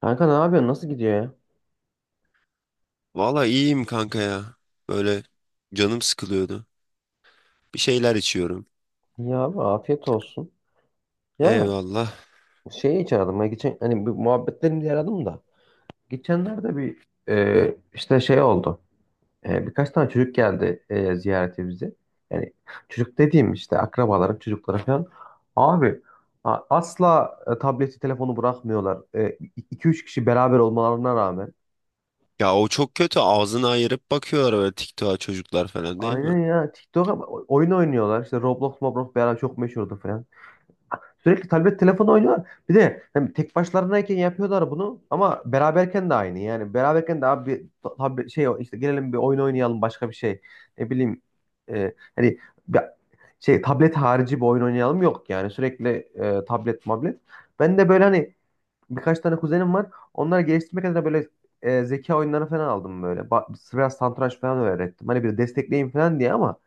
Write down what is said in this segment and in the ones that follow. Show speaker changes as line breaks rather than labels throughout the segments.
Kanka ne yapıyorsun? Nasıl gidiyor ya?
Valla iyiyim kanka ya. Böyle canım sıkılıyordu. Bir şeyler içiyorum.
Ya abi afiyet olsun. Ya
Eyvallah.
şeyi hiç aradım. Ben geçen hani bir muhabbetlerim diye aradım da. Geçenlerde bir işte şey oldu. Birkaç tane çocuk geldi ziyarete bize. Yani çocuk dediğim işte akrabalarım, çocukları falan. Abi asla tableti, telefonu bırakmıyorlar. 2 üç kişi beraber olmalarına rağmen.
Ya o çok kötü. Ağzını ayırıp bakıyorlar böyle TikTok'a çocuklar falan değil mi?
Aynen ya. TikTok'a oyun oynuyorlar. İşte Roblox, Roblox beraber çok meşhurdu falan. Sürekli tablet telefon oynuyorlar. Bir de hem tek başlarındayken yapıyorlar bunu ama beraberken de aynı. Yani beraberken de abi bir tablet şey işte gelelim bir oyun oynayalım başka bir şey. Ne bileyim hani bir- şey tablet harici bir oyun oynayalım yok yani sürekli tablet mablet. Ben de böyle hani birkaç tane kuzenim var. Onları geliştirmek adına böyle zeka oyunları falan aldım böyle. Biraz satranç falan öğrettim. Hani bir destekleyin falan diye ama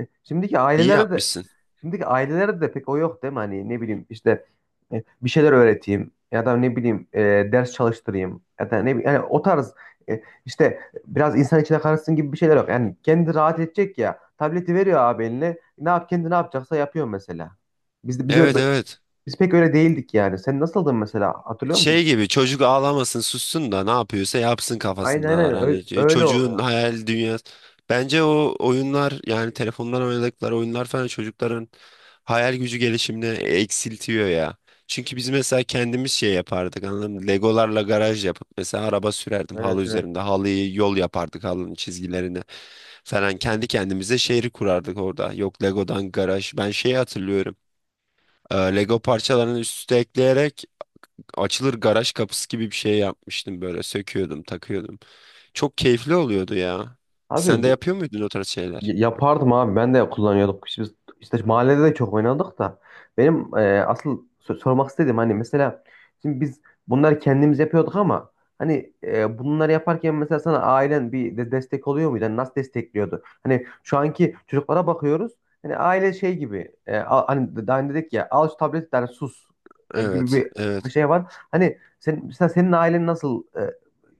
e, Şimdiki
İyi
ailelere de
yapmışsın.
şimdiki ailelerde de pek o yok değil mi? Hani ne bileyim işte bir şeyler öğreteyim ya da ne bileyim ders çalıştırayım ya da ne bileyim yani o tarz işte biraz insan içine karışsın gibi bir şeyler yok. Yani kendi rahat edecek ya tableti veriyor abi eline ne yap kendi ne yapacaksa yapıyor mesela. Biz öyle,
Evet, evet.
biz pek öyle değildik yani. Sen nasıldın mesela hatırlıyor musun?
Şey gibi çocuk ağlamasın sussun da ne yapıyorsa yapsın
Aynen
kafasındalar.
aynen
Hani
öyle, öyle
çocuğun
oluyor.
hayal dünyası. Bence o oyunlar yani telefondan oynadıkları oyunlar falan çocukların hayal gücü gelişimini eksiltiyor ya. Çünkü biz mesela kendimiz şey yapardık, anladın mı? Legolarla garaj yapıp mesela araba sürerdim
Evet,
halı
evet.
üzerinde. Halıyı yol yapardık, halının çizgilerini falan. Kendi kendimize şehri kurardık orada. Yok, Legodan garaj. Ben şeyi hatırlıyorum. Lego parçalarını üst üste ekleyerek açılır garaj kapısı gibi bir şey yapmıştım, böyle söküyordum takıyordum. Çok keyifli oluyordu ya. Sen
Abi
de
bu
yapıyor muydun o tarz şeyler?
Yapardım abi ben de kullanıyorduk. İşte biz işte mahallede de çok oynadık da. Benim asıl sormak istediğim hani mesela şimdi biz bunları kendimiz yapıyorduk ama hani bunları yaparken mesela sana ailen bir de destek oluyor muydu? Hani nasıl destekliyordu? Hani şu anki çocuklara bakıyoruz. Hani aile şey gibi hani daha önce dedik ya al şu tableti yani sus gibi
Evet,
bir
evet.
şey var. Hani sen, mesela senin ailen nasıl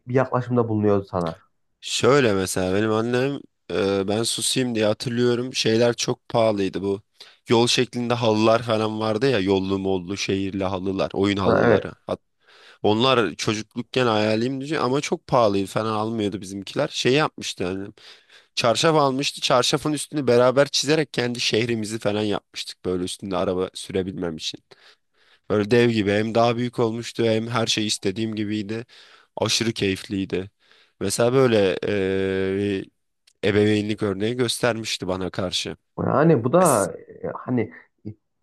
bir yaklaşımda bulunuyordu sana?
Şöyle mesela benim annem, ben susayım diye hatırlıyorum, şeyler çok pahalıydı bu. Yol şeklinde halılar falan vardı ya, yollu mollu şehirli halılar, oyun
Ha, evet.
halıları. Onlar çocuklukken hayalimdi ama çok pahalıydı falan, almıyordu bizimkiler. Şey yapmıştı yani, çarşaf almıştı. Çarşafın üstünü beraber çizerek kendi şehrimizi falan yapmıştık. Böyle üstünde araba sürebilmem için. Böyle dev gibi, hem daha büyük olmuştu hem her şey istediğim gibiydi. Aşırı keyifliydi. Mesela böyle ebeveynlik örneği göstermişti bana karşı.
Yani bu
S-
da hani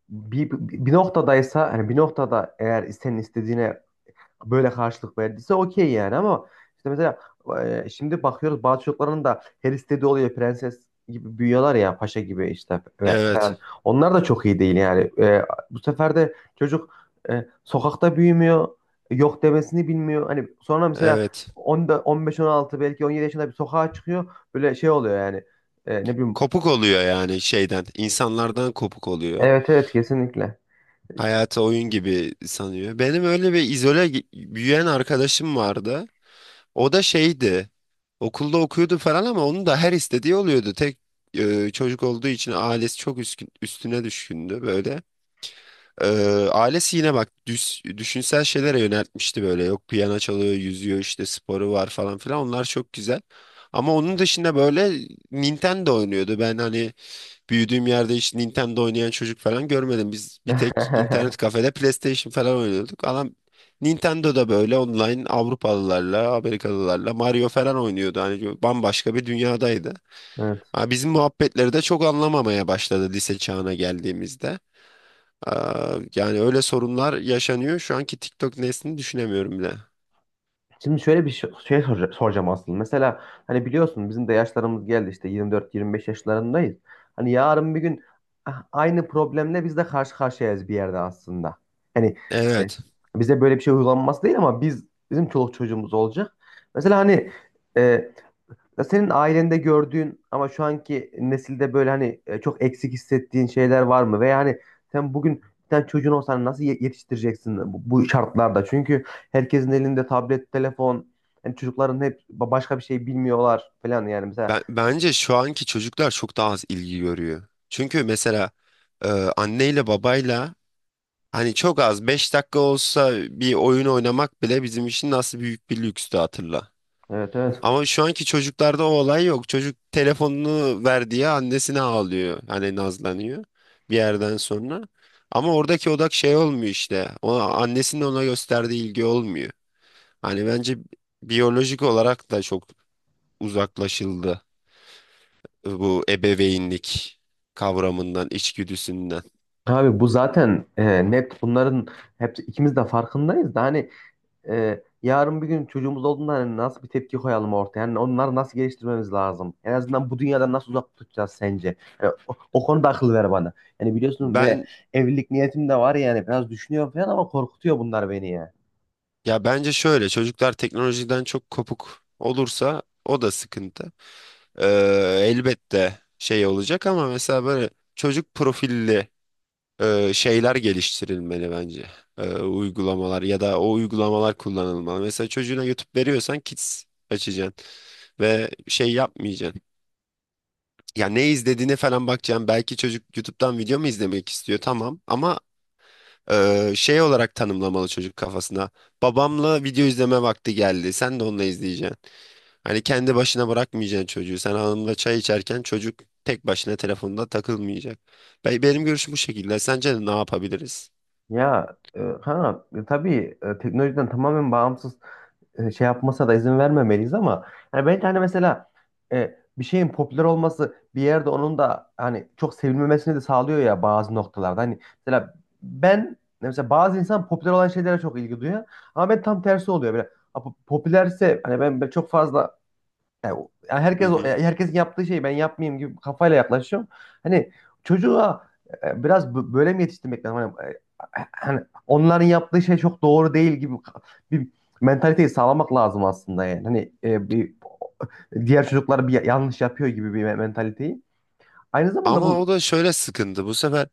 bir, bir noktadaysa hani bir noktada eğer senin istediğine böyle karşılık verdiyse okey yani ama işte mesela şimdi bakıyoruz bazı çocukların da her istediği oluyor prenses gibi büyüyorlar ya paşa gibi işte ve
Evet,
falan. Onlar da çok iyi değil yani. Bu sefer de çocuk sokakta büyümüyor. Yok demesini bilmiyor. Hani sonra mesela
evet.
10'da 15-16 belki 17 yaşında bir sokağa çıkıyor. Böyle şey oluyor yani. Ne bileyim.
Kopuk oluyor yani şeyden, insanlardan kopuk oluyor.
Evet, evet, kesinlikle.
Hayatı oyun gibi sanıyor. Benim öyle bir izole büyüyen arkadaşım vardı. O da şeydi. Okulda okuyordu falan ama onun da her istediği oluyordu. Tek çocuk olduğu için ailesi çok üstüne düşkündü böyle. E, Ailesi yine bak, düşünsel şeylere yöneltmişti böyle. Yok, piyano çalıyor, yüzüyor, işte sporu var falan filan. Onlar çok güzel. Ama onun dışında böyle Nintendo oynuyordu. Ben hani büyüdüğüm yerde hiç Nintendo oynayan çocuk falan görmedim. Biz bir tek internet kafede PlayStation falan oynuyorduk. Adam Nintendo'da böyle online Avrupalılarla, Amerikalılarla Mario falan oynuyordu. Hani bambaşka bir dünyadaydı.
Evet.
Ha, bizim muhabbetleri de çok anlamamaya başladı lise çağına geldiğimizde. Aa, yani öyle sorunlar yaşanıyor. Şu anki TikTok neslini düşünemiyorum bile.
Şimdi şöyle bir şey soracağım aslında. Mesela hani biliyorsun bizim de yaşlarımız geldi işte 24-25 yaşlarındayız. Hani yarın bir gün aynı problemle biz de karşı karşıyayız bir yerde aslında. Hani e,
Evet.
bize böyle bir şey uygulanması değil ama bizim çoluk çocuğumuz olacak. Mesela hani e, ya senin ailende gördüğün ama şu anki nesilde böyle hani çok eksik hissettiğin şeyler var mı? Veya hani sen bugün bir tane çocuğun olsan hani nasıl yetiştireceksin bu şartlarda? Çünkü herkesin elinde tablet, telefon, yani çocukların hep başka bir şey bilmiyorlar falan yani mesela.
Bence şu anki çocuklar çok daha az ilgi görüyor. Çünkü mesela e, anneyle babayla, hani çok az 5 dakika olsa bir oyun oynamak bile bizim için nasıl büyük bir lükstü, hatırla.
Evet, evet.
Ama şu anki çocuklarda o olay yok. Çocuk telefonunu ver diye annesine ağlıyor. Hani nazlanıyor bir yerden sonra. Ama oradaki odak şey olmuyor işte. O annesinin ona gösterdiği ilgi olmuyor. Hani bence biyolojik olarak da çok uzaklaşıldı bu ebeveynlik kavramından, içgüdüsünden.
Abi bu zaten net bunların hepsi ikimiz de farkındayız da hani yarın bir gün çocuğumuz olduğunda hani nasıl bir tepki koyalım ortaya? Yani onları nasıl geliştirmemiz lazım? En azından bu dünyadan nasıl uzak tutacağız sence? Yani o konuda akıl ver bana. Yani biliyorsun böyle
Ben
evlilik niyetim de var yani biraz düşünüyorum falan ama korkutuyor bunlar beni ya.
Ya bence şöyle, çocuklar teknolojiden çok kopuk olursa o da sıkıntı. Ee, Elbette şey olacak ama mesela böyle çocuk profilli şeyler geliştirilmeli bence. Uygulamalar ya da o uygulamalar kullanılmalı. Mesela çocuğuna YouTube veriyorsan Kids açacaksın ve şey yapmayacaksın. Ya ne izlediğine falan bakacaksın. Belki çocuk YouTube'dan video mu izlemek istiyor, tamam ama şey olarak tanımlamalı çocuk kafasına. Babamla video izleme vakti geldi. Sen de onunla izleyeceksin. Hani kendi başına bırakmayacaksın çocuğu. Sen hanımla çay içerken çocuk tek başına telefonda takılmayacak. Benim görüşüm bu şekilde. Sence ne yapabiliriz?
Ya tabii, teknolojiden tamamen bağımsız şey yapmasına da izin vermemeliyiz ama yani ben hani mesela bir şeyin popüler olması bir yerde onun da hani çok sevilmemesini de sağlıyor ya bazı noktalarda. Hani mesela ben mesela bazı insan popüler olan şeylere çok ilgi duyuyor ama ben tam tersi oluyor. Böyle, "Ha, bu popülerse hani ben çok fazla yani o- yani
Hı
herkes
hı.
yani herkes yaptığı şeyi ben yapmayayım gibi kafayla yaklaşıyorum. Hani çocuğa biraz böyle mi yetiştirmek lazım? Hani, onların yaptığı şey çok doğru değil gibi bir mentaliteyi sağlamak lazım aslında yani. Hani bir diğer çocuklar bir yanlış yapıyor gibi bir mentaliteyi. Aynı zamanda
Ama o
bu.
da şöyle sıkıntı. Bu sefer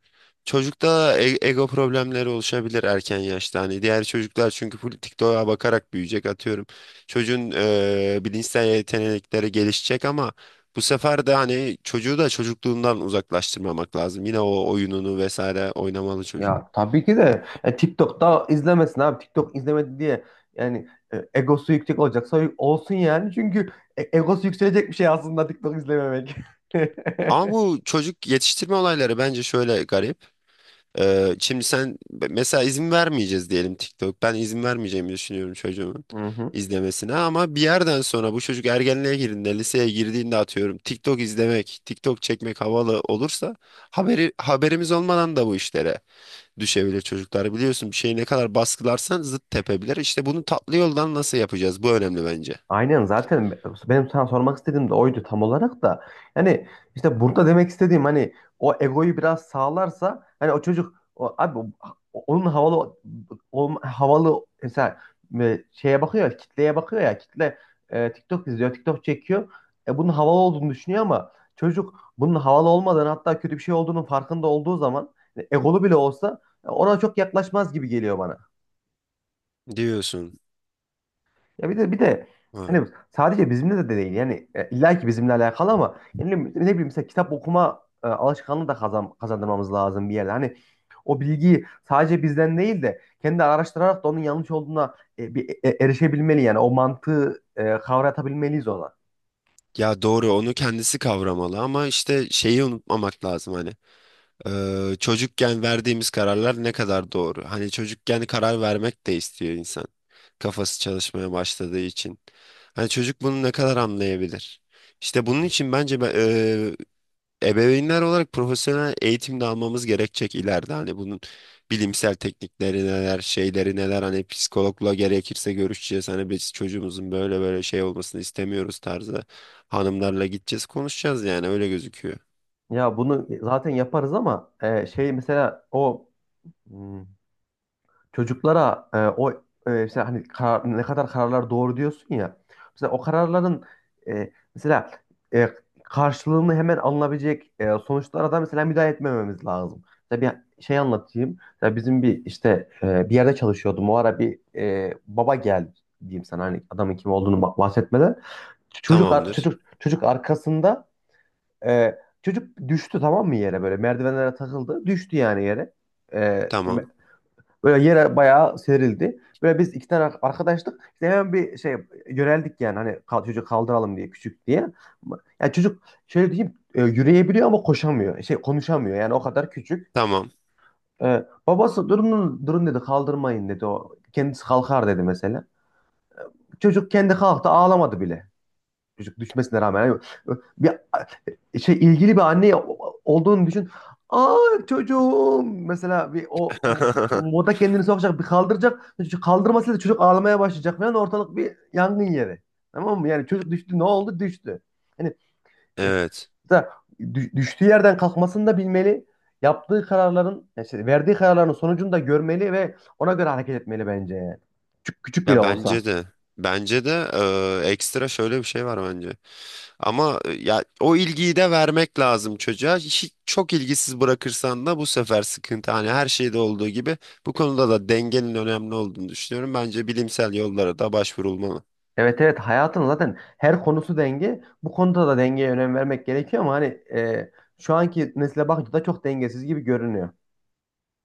çocukta ego problemleri oluşabilir erken yaşta. Hani diğer çocuklar çünkü full TikTok'a bakarak büyüyecek, atıyorum. Çocuğun bilinçsel yetenekleri gelişecek ama bu sefer de hani çocuğu da çocukluğundan uzaklaştırmamak lazım. Yine o oyununu vesaire oynamalı çocuk.
Ya tabii ki de TikTok'ta izlemesin abi. TikTok izlemedi diye yani egosu yüksek olacaksa olsun yani. Çünkü egosu yükselecek bir şey aslında TikTok izlememek.
Ama bu çocuk yetiştirme olayları bence şöyle garip. Şimdi sen mesela izin vermeyeceğiz diyelim, TikTok. Ben izin vermeyeceğimi düşünüyorum çocuğumun
Hı hı.
izlemesine ama bir yerden sonra bu çocuk ergenliğe girdiğinde, liseye girdiğinde, atıyorum TikTok izlemek, TikTok çekmek havalı olursa haberimiz olmadan da bu işlere düşebilir çocuklar. Biliyorsun, bir şeyi ne kadar baskılarsan zıt tepebilir. İşte bunu tatlı yoldan nasıl yapacağız? Bu önemli bence.
Aynen, zaten benim sana sormak istediğim de oydu tam olarak da. Yani işte burada demek istediğim hani o egoyu biraz sağlarsa hani o çocuk o, abi o- onun havalı o, havalı mesela şeye bakıyor kitleye bakıyor ya kitle TikTok izliyor TikTok çekiyor. Bunun havalı olduğunu düşünüyor ama çocuk bunun havalı olmadan hatta kötü bir şey olduğunun farkında olduğu zaman egolu bile olsa ona çok yaklaşmaz gibi geliyor bana.
Diyorsun.
Ya bir de
Ha.
hani sadece bizimle de değil yani illa ki bizimle alakalı ama yani ne bileyim mesela kitap okuma alışkanlığı da kazandırmamız lazım bir yerde. Hani o bilgiyi sadece bizden değil de kendi araştırarak da onun yanlış olduğuna bir erişebilmeli yani o mantığı kavratabilmeliyiz ona.
Ya doğru, onu kendisi kavramalı ama işte şeyi unutmamak lazım hani. Çocukken verdiğimiz kararlar ne kadar doğru. Hani çocukken karar vermek de istiyor insan, kafası çalışmaya başladığı için. Hani çocuk bunu ne kadar anlayabilir? İşte bunun için bence ebeveynler olarak profesyonel eğitim de almamız gerekecek ileride. Hani bunun bilimsel teknikleri neler, şeyleri neler, hani psikologla gerekirse görüşeceğiz. Hani biz çocuğumuzun böyle böyle şey olmasını istemiyoruz tarzı hanımlarla gideceğiz, konuşacağız, yani öyle gözüküyor.
Ya bunu zaten yaparız ama şey mesela o hmm, çocuklara mesela hani ne kadar kararlar doğru diyorsun ya. Mesela o kararların mesela e, karşılığını hemen alınabilecek sonuçlara da mesela müdahale etmememiz lazım. Mesela bir şey anlatayım. Mesela bizim bir işte bir yerde çalışıyordum. O ara bir baba geldi diyeyim sana hani adamın kim olduğunu bahsetmeden. Çocuk ar-
Tamamdır.
çocuk çocuk arkasında e, çocuk düştü, tamam mı, yere böyle merdivenlere takıldı. Düştü yani yere. E,
Tamam.
Böyle yere bayağı serildi. Böyle biz iki tane arkadaştık. İşte hemen bir şey yöneldik yani hani çocuğu kaldıralım diye küçük diye. Yani çocuk şöyle diyeyim yürüyebiliyor ama koşamıyor. Şey konuşamıyor yani o kadar küçük.
Tamam.
Babası durun durun dedi kaldırmayın dedi o. Kendisi kalkar dedi mesela. Çocuk kendi kalktı, ağlamadı bile. Çocuk düşmesine rağmen yani bir şey ilgili bir anne olduğunu düşün. Aa, çocuğum mesela bir o moda kendini sokacak bir kaldıracak. Çocuk kaldırmasıyla çocuk ağlamaya başlayacak falan, ortalık bir yangın yeri. Tamam mı? Yani çocuk düştü, ne oldu? Düştü. Hani e,
Evet.
mesela düştüğü yerden kalkmasını da bilmeli. Yaptığı kararların, yani şey, verdiği kararların sonucunu da görmeli ve ona göre hareket etmeli bence yani. Küçük, küçük bile
Ya
olsa
bence
ki.
de bence de ekstra şöyle bir şey var bence. Ama ya o ilgiyi de vermek lazım çocuğa. Hiç, çok ilgisiz bırakırsan da bu sefer sıkıntı. Hani her şeyde olduğu gibi bu konuda da dengenin önemli olduğunu düşünüyorum. Bence bilimsel yollara da başvurulmalı.
Evet, evet, hayatın zaten her konusu denge. Bu konuda da dengeye önem vermek gerekiyor ama hani e, şu anki nesile bakınca da çok dengesiz gibi görünüyor.